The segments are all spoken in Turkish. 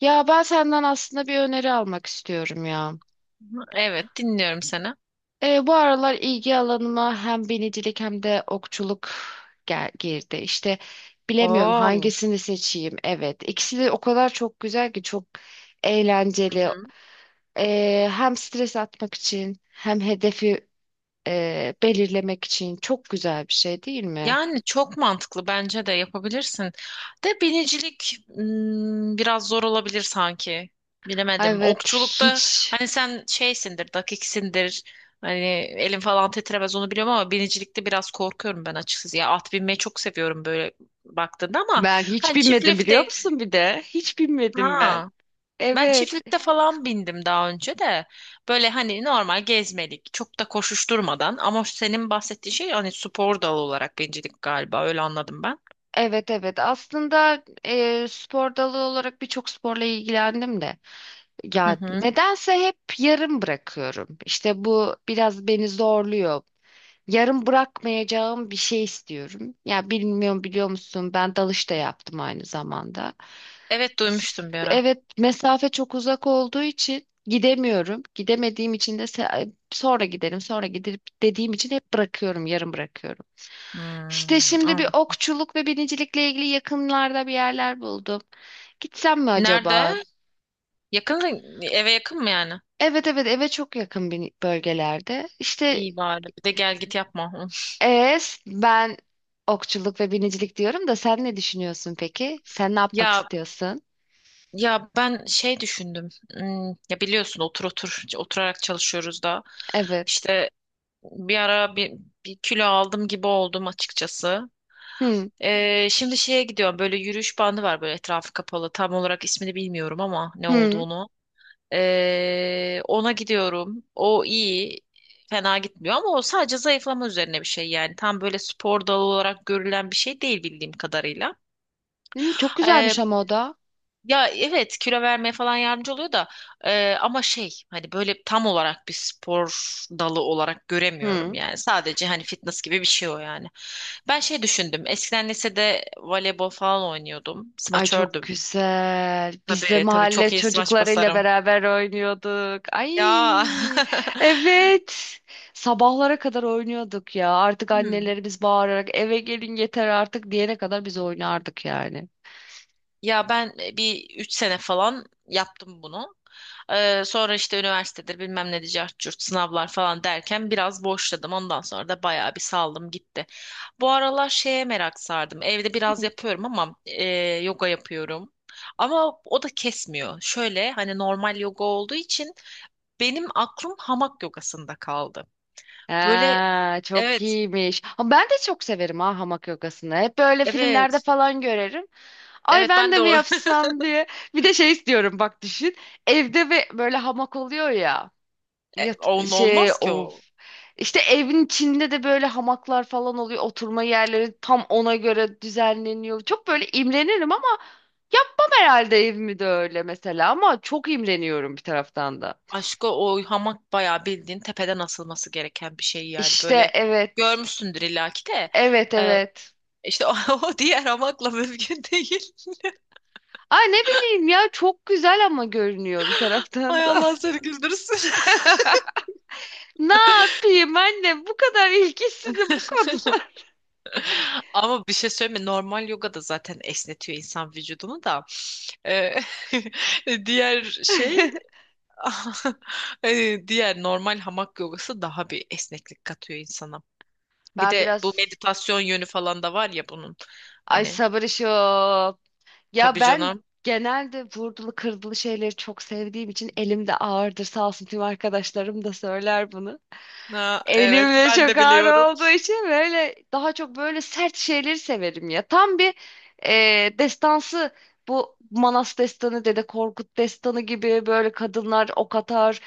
Ya ben senden aslında bir öneri almak istiyorum ya. Evet, dinliyorum seni. Bu aralar ilgi alanıma hem binicilik hem de okçuluk gel girdi. İşte bilemiyorum Oo. hangisini seçeyim. Evet, ikisi de o kadar çok güzel ki çok eğlenceli. Hı-hı. Hem stres atmak için hem hedefi belirlemek için çok güzel bir şey değil mi? Yani çok mantıklı bence de yapabilirsin. De binicilik biraz zor olabilir sanki. Ay, Bilemedim. evet, hiç Okçulukta hani sen şeysindir, dakiksindir. Hani elin falan titremez onu biliyorum ama binicilikte biraz korkuyorum ben açıkçası. Ya at binmeyi çok seviyorum böyle baktığında ama ben hiç hani bilmedim biliyor çiftlikte musun bir de? Hiç bilmedim ben. ha. Ben Evet. çiftlikte falan bindim daha önce de. Böyle hani normal gezmelik, çok da koşuşturmadan ama senin bahsettiğin şey hani spor dalı olarak bincilik galiba öyle anladım ben. Evet, evet, aslında spor dalı olarak birçok sporla ilgilendim de Hı ya hı. nedense hep yarım bırakıyorum. İşte bu biraz beni zorluyor. Yarım bırakmayacağım bir şey istiyorum. Ya bilmiyorum biliyor musun ben dalış da yaptım aynı zamanda. Evet, duymuştum bir ara. Evet, mesafe çok uzak olduğu için gidemiyorum. Gidemediğim için de sonra gidelim, sonra gidip dediğim için hep bırakıyorum, yarım bırakıyorum. İşte Hmm, şimdi bir an- okçuluk ve binicilikle ilgili yakınlarda bir yerler buldum. Gitsem mi acaba? Nerede? Yakın, eve yakın mı yani? Evet, evet, eve çok yakın bir bölgelerde. İşte İyi bari. Bir de gel git yapma. Hı. Ben okçuluk ve binicilik diyorum da sen ne düşünüyorsun peki? Sen ne yapmak Ya istiyorsun? ya ben şey düşündüm. Ya biliyorsun oturarak çalışıyoruz da. Evet. İşte bir ara bir kilo aldım gibi oldum açıkçası. Hı. Şimdi şeye gidiyorum, böyle yürüyüş bandı var böyle etrafı kapalı, tam olarak ismini bilmiyorum ama ne Hı. olduğunu. Ona gidiyorum, o iyi, fena gitmiyor ama o sadece zayıflama üzerine bir şey yani, tam böyle spor dalı olarak görülen bir şey değil bildiğim kadarıyla. Hı, çok güzelmiş ama o da. Ya evet, kilo vermeye falan yardımcı oluyor da ama şey, hani böyle tam olarak bir spor dalı olarak göremiyorum Hı. yani. Sadece hani fitness gibi bir şey o yani. Ben şey düşündüm. Eskiden lisede voleybol falan oynuyordum. Ay, çok Smaçördüm. güzel. Biz de Tabii tabii, çok mahalle iyi smaç çocuklarıyla basarım. beraber oynuyorduk. Ay, Ya. evet. Sabahlara kadar oynuyorduk ya. Artık Hmm. annelerimiz bağırarak eve gelin yeter artık diyene kadar biz oynardık yani. Ya ben bir 3 sene falan yaptım bunu. Sonra işte üniversitedir bilmem ne cart curt sınavlar falan derken biraz boşladım. Ondan sonra da bayağı bir saldım gitti. Bu aralar şeye merak sardım. Evde biraz Hı. yapıyorum ama yoga yapıyorum. Ama o da kesmiyor. Şöyle hani normal yoga olduğu için benim aklım hamak yogasında kaldı. Böyle Ha, çok evet, iyiymiş. Ama ben de çok severim ha hamak yogasını. Hep böyle filmlerde evet, falan görerim. Ay evet, ben ben de de mi o. yapsam diye. Bir de şey istiyorum bak düşün. Evde ve böyle hamak oluyor ya. Yat Onun şey olmaz ki o. of. İşte evin içinde de böyle hamaklar falan oluyor. Oturma yerleri tam ona göre düzenleniyor. Çok böyle imrenirim ama yapmam herhalde evimi de öyle mesela. Ama çok imreniyorum bir taraftan da. Aşko, o hamak bayağı bildiğin tepeden asılması gereken bir şey yani. İşte Böyle evet. görmüşsündür illaki de. Evet, Ee, evet. işte o, o diğer hamakla mümkün değil. Ay ne bileyim ya çok güzel ama görünüyor bir taraftan Ay da. Allah seni güldürsün. Ne yapayım anne bu kadar ilgisizim bu konular. Ama bir şey söyleyeyim mi? Normal yoga da zaten esnetiyor insan vücudunu da. Ee, diğer şey diğer normal hamak yogası daha bir esneklik katıyor insana. Bir Ben de bu biraz meditasyon yönü falan da var ya bunun. ay Hani sabır işi o. Ya tabii ben canım. genelde vurdulu kırdılı şeyleri çok sevdiğim için elimde ağırdır. Sağ olsun tüm arkadaşlarım da söyler bunu. Ha, evet Elimde ben çok de ağır biliyorum. olduğu için böyle daha çok böyle sert şeyleri severim ya. Tam bir destansı bu Manas destanı, Dede Korkut destanı gibi böyle kadınlar ok atar,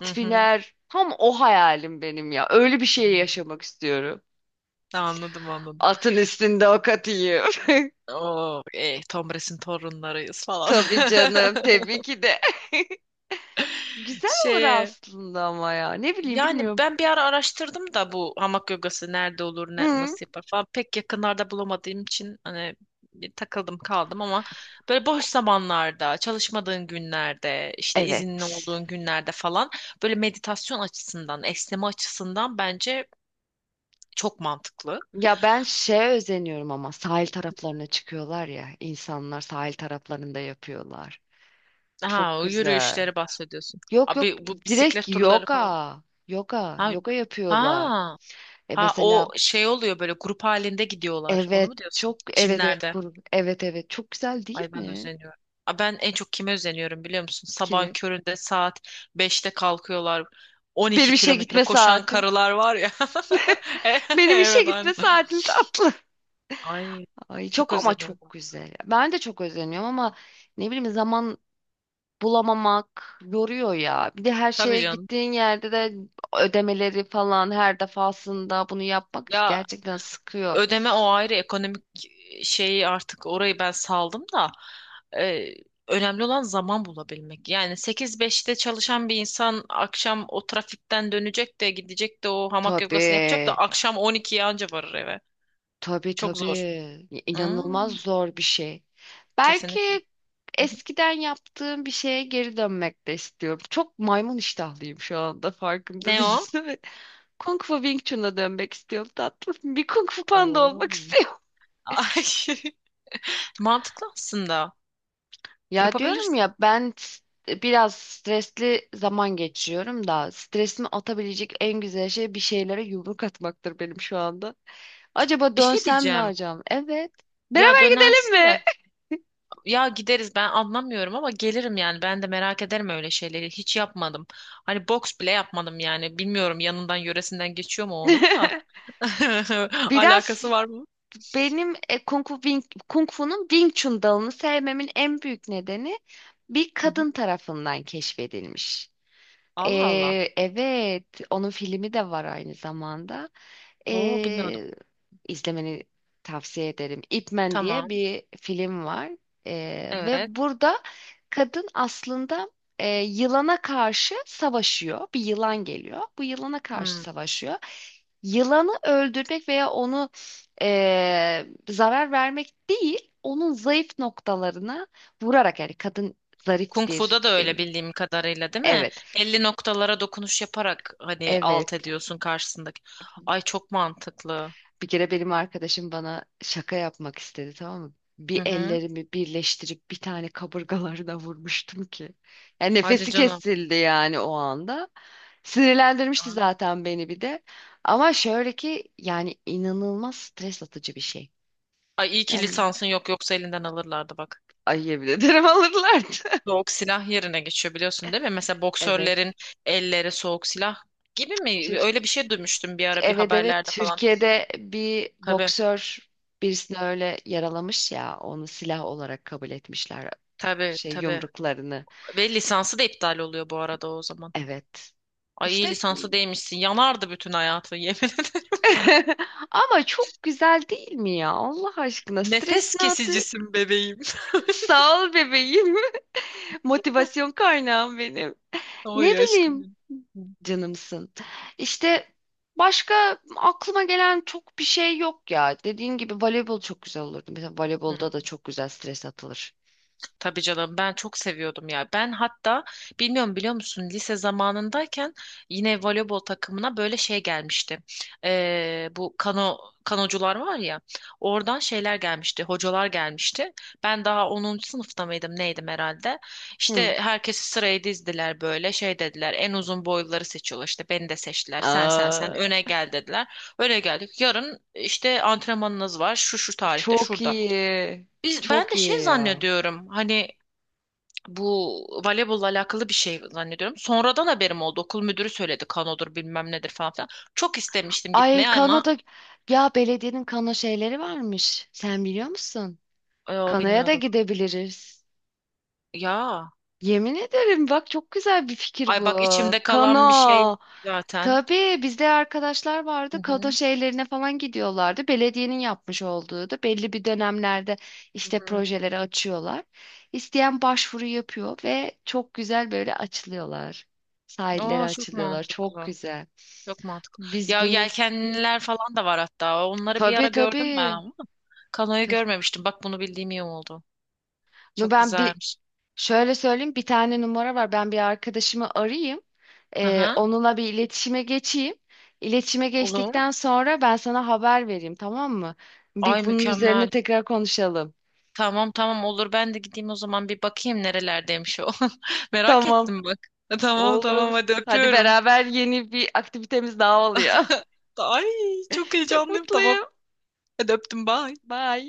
Hı hı. biner. Tam o hayalim benim ya. Öyle bir şey Hmm. yaşamak istiyorum. Anladım, anladım. Atın üstünde ok atayım. Oo, Tom Bras'in torunlarıyız falan. Tabii canım, tabii ki de. Güzel olur Şeye, aslında ama ya. Ne bileyim yani bilmiyorum. ben bir ara araştırdım da bu hamak yogası nerede olur, ne, Hı. nasıl yapar falan, pek yakınlarda bulamadığım için hani bir takıldım kaldım ama böyle boş zamanlarda, çalışmadığın günlerde, işte izinli Evet. olduğun günlerde falan böyle meditasyon açısından, esneme açısından bence çok mantıklı. Ya ben şeye özeniyorum ama sahil taraflarına çıkıyorlar ya. İnsanlar sahil taraflarında yapıyorlar. Çok Ha, o güzel. yürüyüşleri bahsediyorsun. Yok, yok, Abi bu direkt bisiklet turları falan. yoga. Yoga. Ha, Yoga yapıyorlar. ha, E ha, mesela o şey oluyor böyle grup halinde gidiyorlar. Onu evet mu diyorsun? çok evet evet Çimlerde. kur evet evet çok güzel değil Ay ben de mi? özeniyorum. Aa, ben en çok kime özeniyorum biliyor musun? Sabah Kimi? köründe saat 5'te kalkıyorlar. On Benim iki işe kilometre gitme koşan saatim. karılar var ya. Benim işe Evet, aynen. gitme saatim tatlı. Ay Ay çok çok ama çok özeniyorum. güzel. Ben de çok özeniyorum ama ne bileyim zaman bulamamak yoruyor ya. Bir de her Tabii şeye canım. gittiğin yerde de ödemeleri falan her defasında bunu yapmak Ya, gerçekten sıkıyor. ödeme o ayrı, ekonomik şeyi artık orayı ben saldım da e, önemli olan zaman bulabilmek. Yani sekiz beşte çalışan bir insan akşam o trafikten dönecek de gidecek de o hamak yogasını yapacak da Tabii. akşam 12'ye anca varır eve. Tabii, Çok zor. tabii. İnanılmaz Hmm, zor bir şey. Belki kesinlikle. Hı hı. eskiden yaptığım bir şeye geri dönmek de istiyorum. Çok maymun iştahlıyım şu anda farkında Ne o? değilsin. Kung Fu Wing Chun'a dönmek istiyorum tatlım. Bir Kung Fu Panda Oo. olmak istiyorum. Ay, mantıklı aslında. Ya diyorum Yapabilirsin. ya biraz stresli zaman geçiriyorum da stresimi atabilecek en güzel şey bir şeylere yumruk atmaktır benim şu anda. Acaba Bir şey dönsem mi diyeceğim. hocam? Evet. Ya Beraber gidelim dönersin mi? de. Ya gideriz, ben anlamıyorum ama gelirim yani, ben de merak ederim, öyle şeyleri hiç yapmadım. Hani boks bile yapmadım yani, bilmiyorum yanından yöresinden geçiyor mu, onun da alakası Biraz var mı? benim Kung Fu'nun Wing Chun dalını sevmemin en büyük nedeni bir Hı hı. kadın tarafından keşfedilmiş. Allah Allah. Evet, onun filmi de var aynı zamanda. Oo, bilmiyordum. E, izlemeni tavsiye ederim. Ip Man diye Tamam, bir film var. Ve evet. burada kadın aslında yılana karşı savaşıyor. Bir yılan geliyor. Bu yılana karşı Hmm. savaşıyor. Yılanı öldürmek veya onu zarar vermek değil, onun zayıf noktalarına vurarak yani kadın Kung zariftir. Fu'da da El- öyle bildiğim kadarıyla, değil mi? Evet, Belli noktalara dokunuş yaparak hani evet. alt ediyorsun karşısındaki. Ay çok mantıklı. Bir kere benim arkadaşım bana şaka yapmak istedi tamam mı? Hı Bir hı. ellerimi birleştirip bir tane kaburgalarına vurmuştum ki. Yani Hadi nefesi canım. kesildi yani o anda. Sinirlendirmişti Ay. zaten beni bir de. Ama şöyle ki yani inanılmaz stres atıcı bir şey. Ay iyi ki Yani lisansın yok, yoksa elinden alırlardı bak. ayıya bile derim alırlardı. Soğuk silah yerine geçiyor biliyorsun değil mi? Mesela Evet. boksörlerin elleri soğuk silah gibi mi? Türk, Öyle bir şey duymuştum bir ara bir evet, evet, haberlerde falan. Türkiye'de bir Tabii, boksör birisini öyle yaralamış ya onu silah olarak kabul etmişler tabii, şey tabii. yumruklarını. Ve lisansı da iptal oluyor bu arada o zaman. Evet. Ay İşte iyi lisansı değmişsin. Yanardı bütün hayatın, yemin ederim. ama çok güzel değil mi ya? Allah aşkına Nefes stresini attı. kesicisin bebeğim. Sağ ol bebeğim. Motivasyon kaynağım benim. Ne Oy bileyim aşkım. canımsın. İşte başka aklıma gelen çok bir şey yok ya. Dediğin gibi voleybol çok güzel olurdu. Mesela Hı. voleybolda da çok güzel stres atılır. Tabii canım, ben çok seviyordum ya. Ben hatta bilmiyorum biliyor musun, lise zamanındayken yine voleybol takımına böyle şey gelmişti. Bu kanocular var ya, oradan şeyler gelmişti, hocalar gelmişti. Ben daha 10. sınıfta mıydım neydim herhalde. Hı. İşte herkesi sıraya dizdiler, böyle şey dediler, en uzun boyluları seçiyorlar, işte beni de seçtiler, sen sen sen Aa, öne gel dediler. Öne geldik, yarın işte antrenmanınız var şu şu tarihte çok şurada. iyi. Ben Çok de şey iyi ya. zannediyorum hani bu voleybolla alakalı bir şey zannediyorum. Sonradan haberim oldu. Okul müdürü söyledi, kanodur bilmem nedir falan filan. Çok istemiştim Ay gitmeye ama kanoda ya belediyenin kano şeyleri varmış. Sen biliyor musun? e, Kanoya da bilmiyordum. gidebiliriz. Ya Yemin ederim bak çok güzel bir fikir bu. ay, bak içimde kalan bir şey Kano. zaten. Tabii bizde arkadaşlar Hı vardı. Kano hı. şeylerine falan gidiyorlardı. Belediyenin yapmış olduğu da belli bir dönemlerde Hı işte hı. projeleri açıyorlar. İsteyen başvuru yapıyor ve çok güzel böyle açılıyorlar. Sahillere Aa, çok açılıyorlar. Çok mantıklı. güzel. Çok mantıklı. Biz Ya bunu Hı. yelkenliler falan da var hatta. Onları bir Tabii, ara gördüm ben tabii. ama kanoyu görmemiştim. Bak bunu bildiğim iyi oldu. No Çok ben bir güzelmiş. şöyle söyleyeyim bir tane numara var. Ben bir arkadaşımı arayayım. Hı hı. Onunla bir iletişime geçeyim. İletişime Olur. geçtikten sonra ben sana haber vereyim tamam mı? Ay Bir bunun üzerine mükemmel. tekrar konuşalım. Tamam, tamam, olur, ben de gideyim o zaman, bir bakayım nerelerdeymiş o. Merak Tamam. ettim bak. Tamam, Olur, tamam, olur. hadi Hadi öpüyorum. beraber yeni bir aktivitemiz daha oluyor. Ay çok Çok heyecanlıyım, tamam. mutluyum. Hadi öptüm, bye. Bye.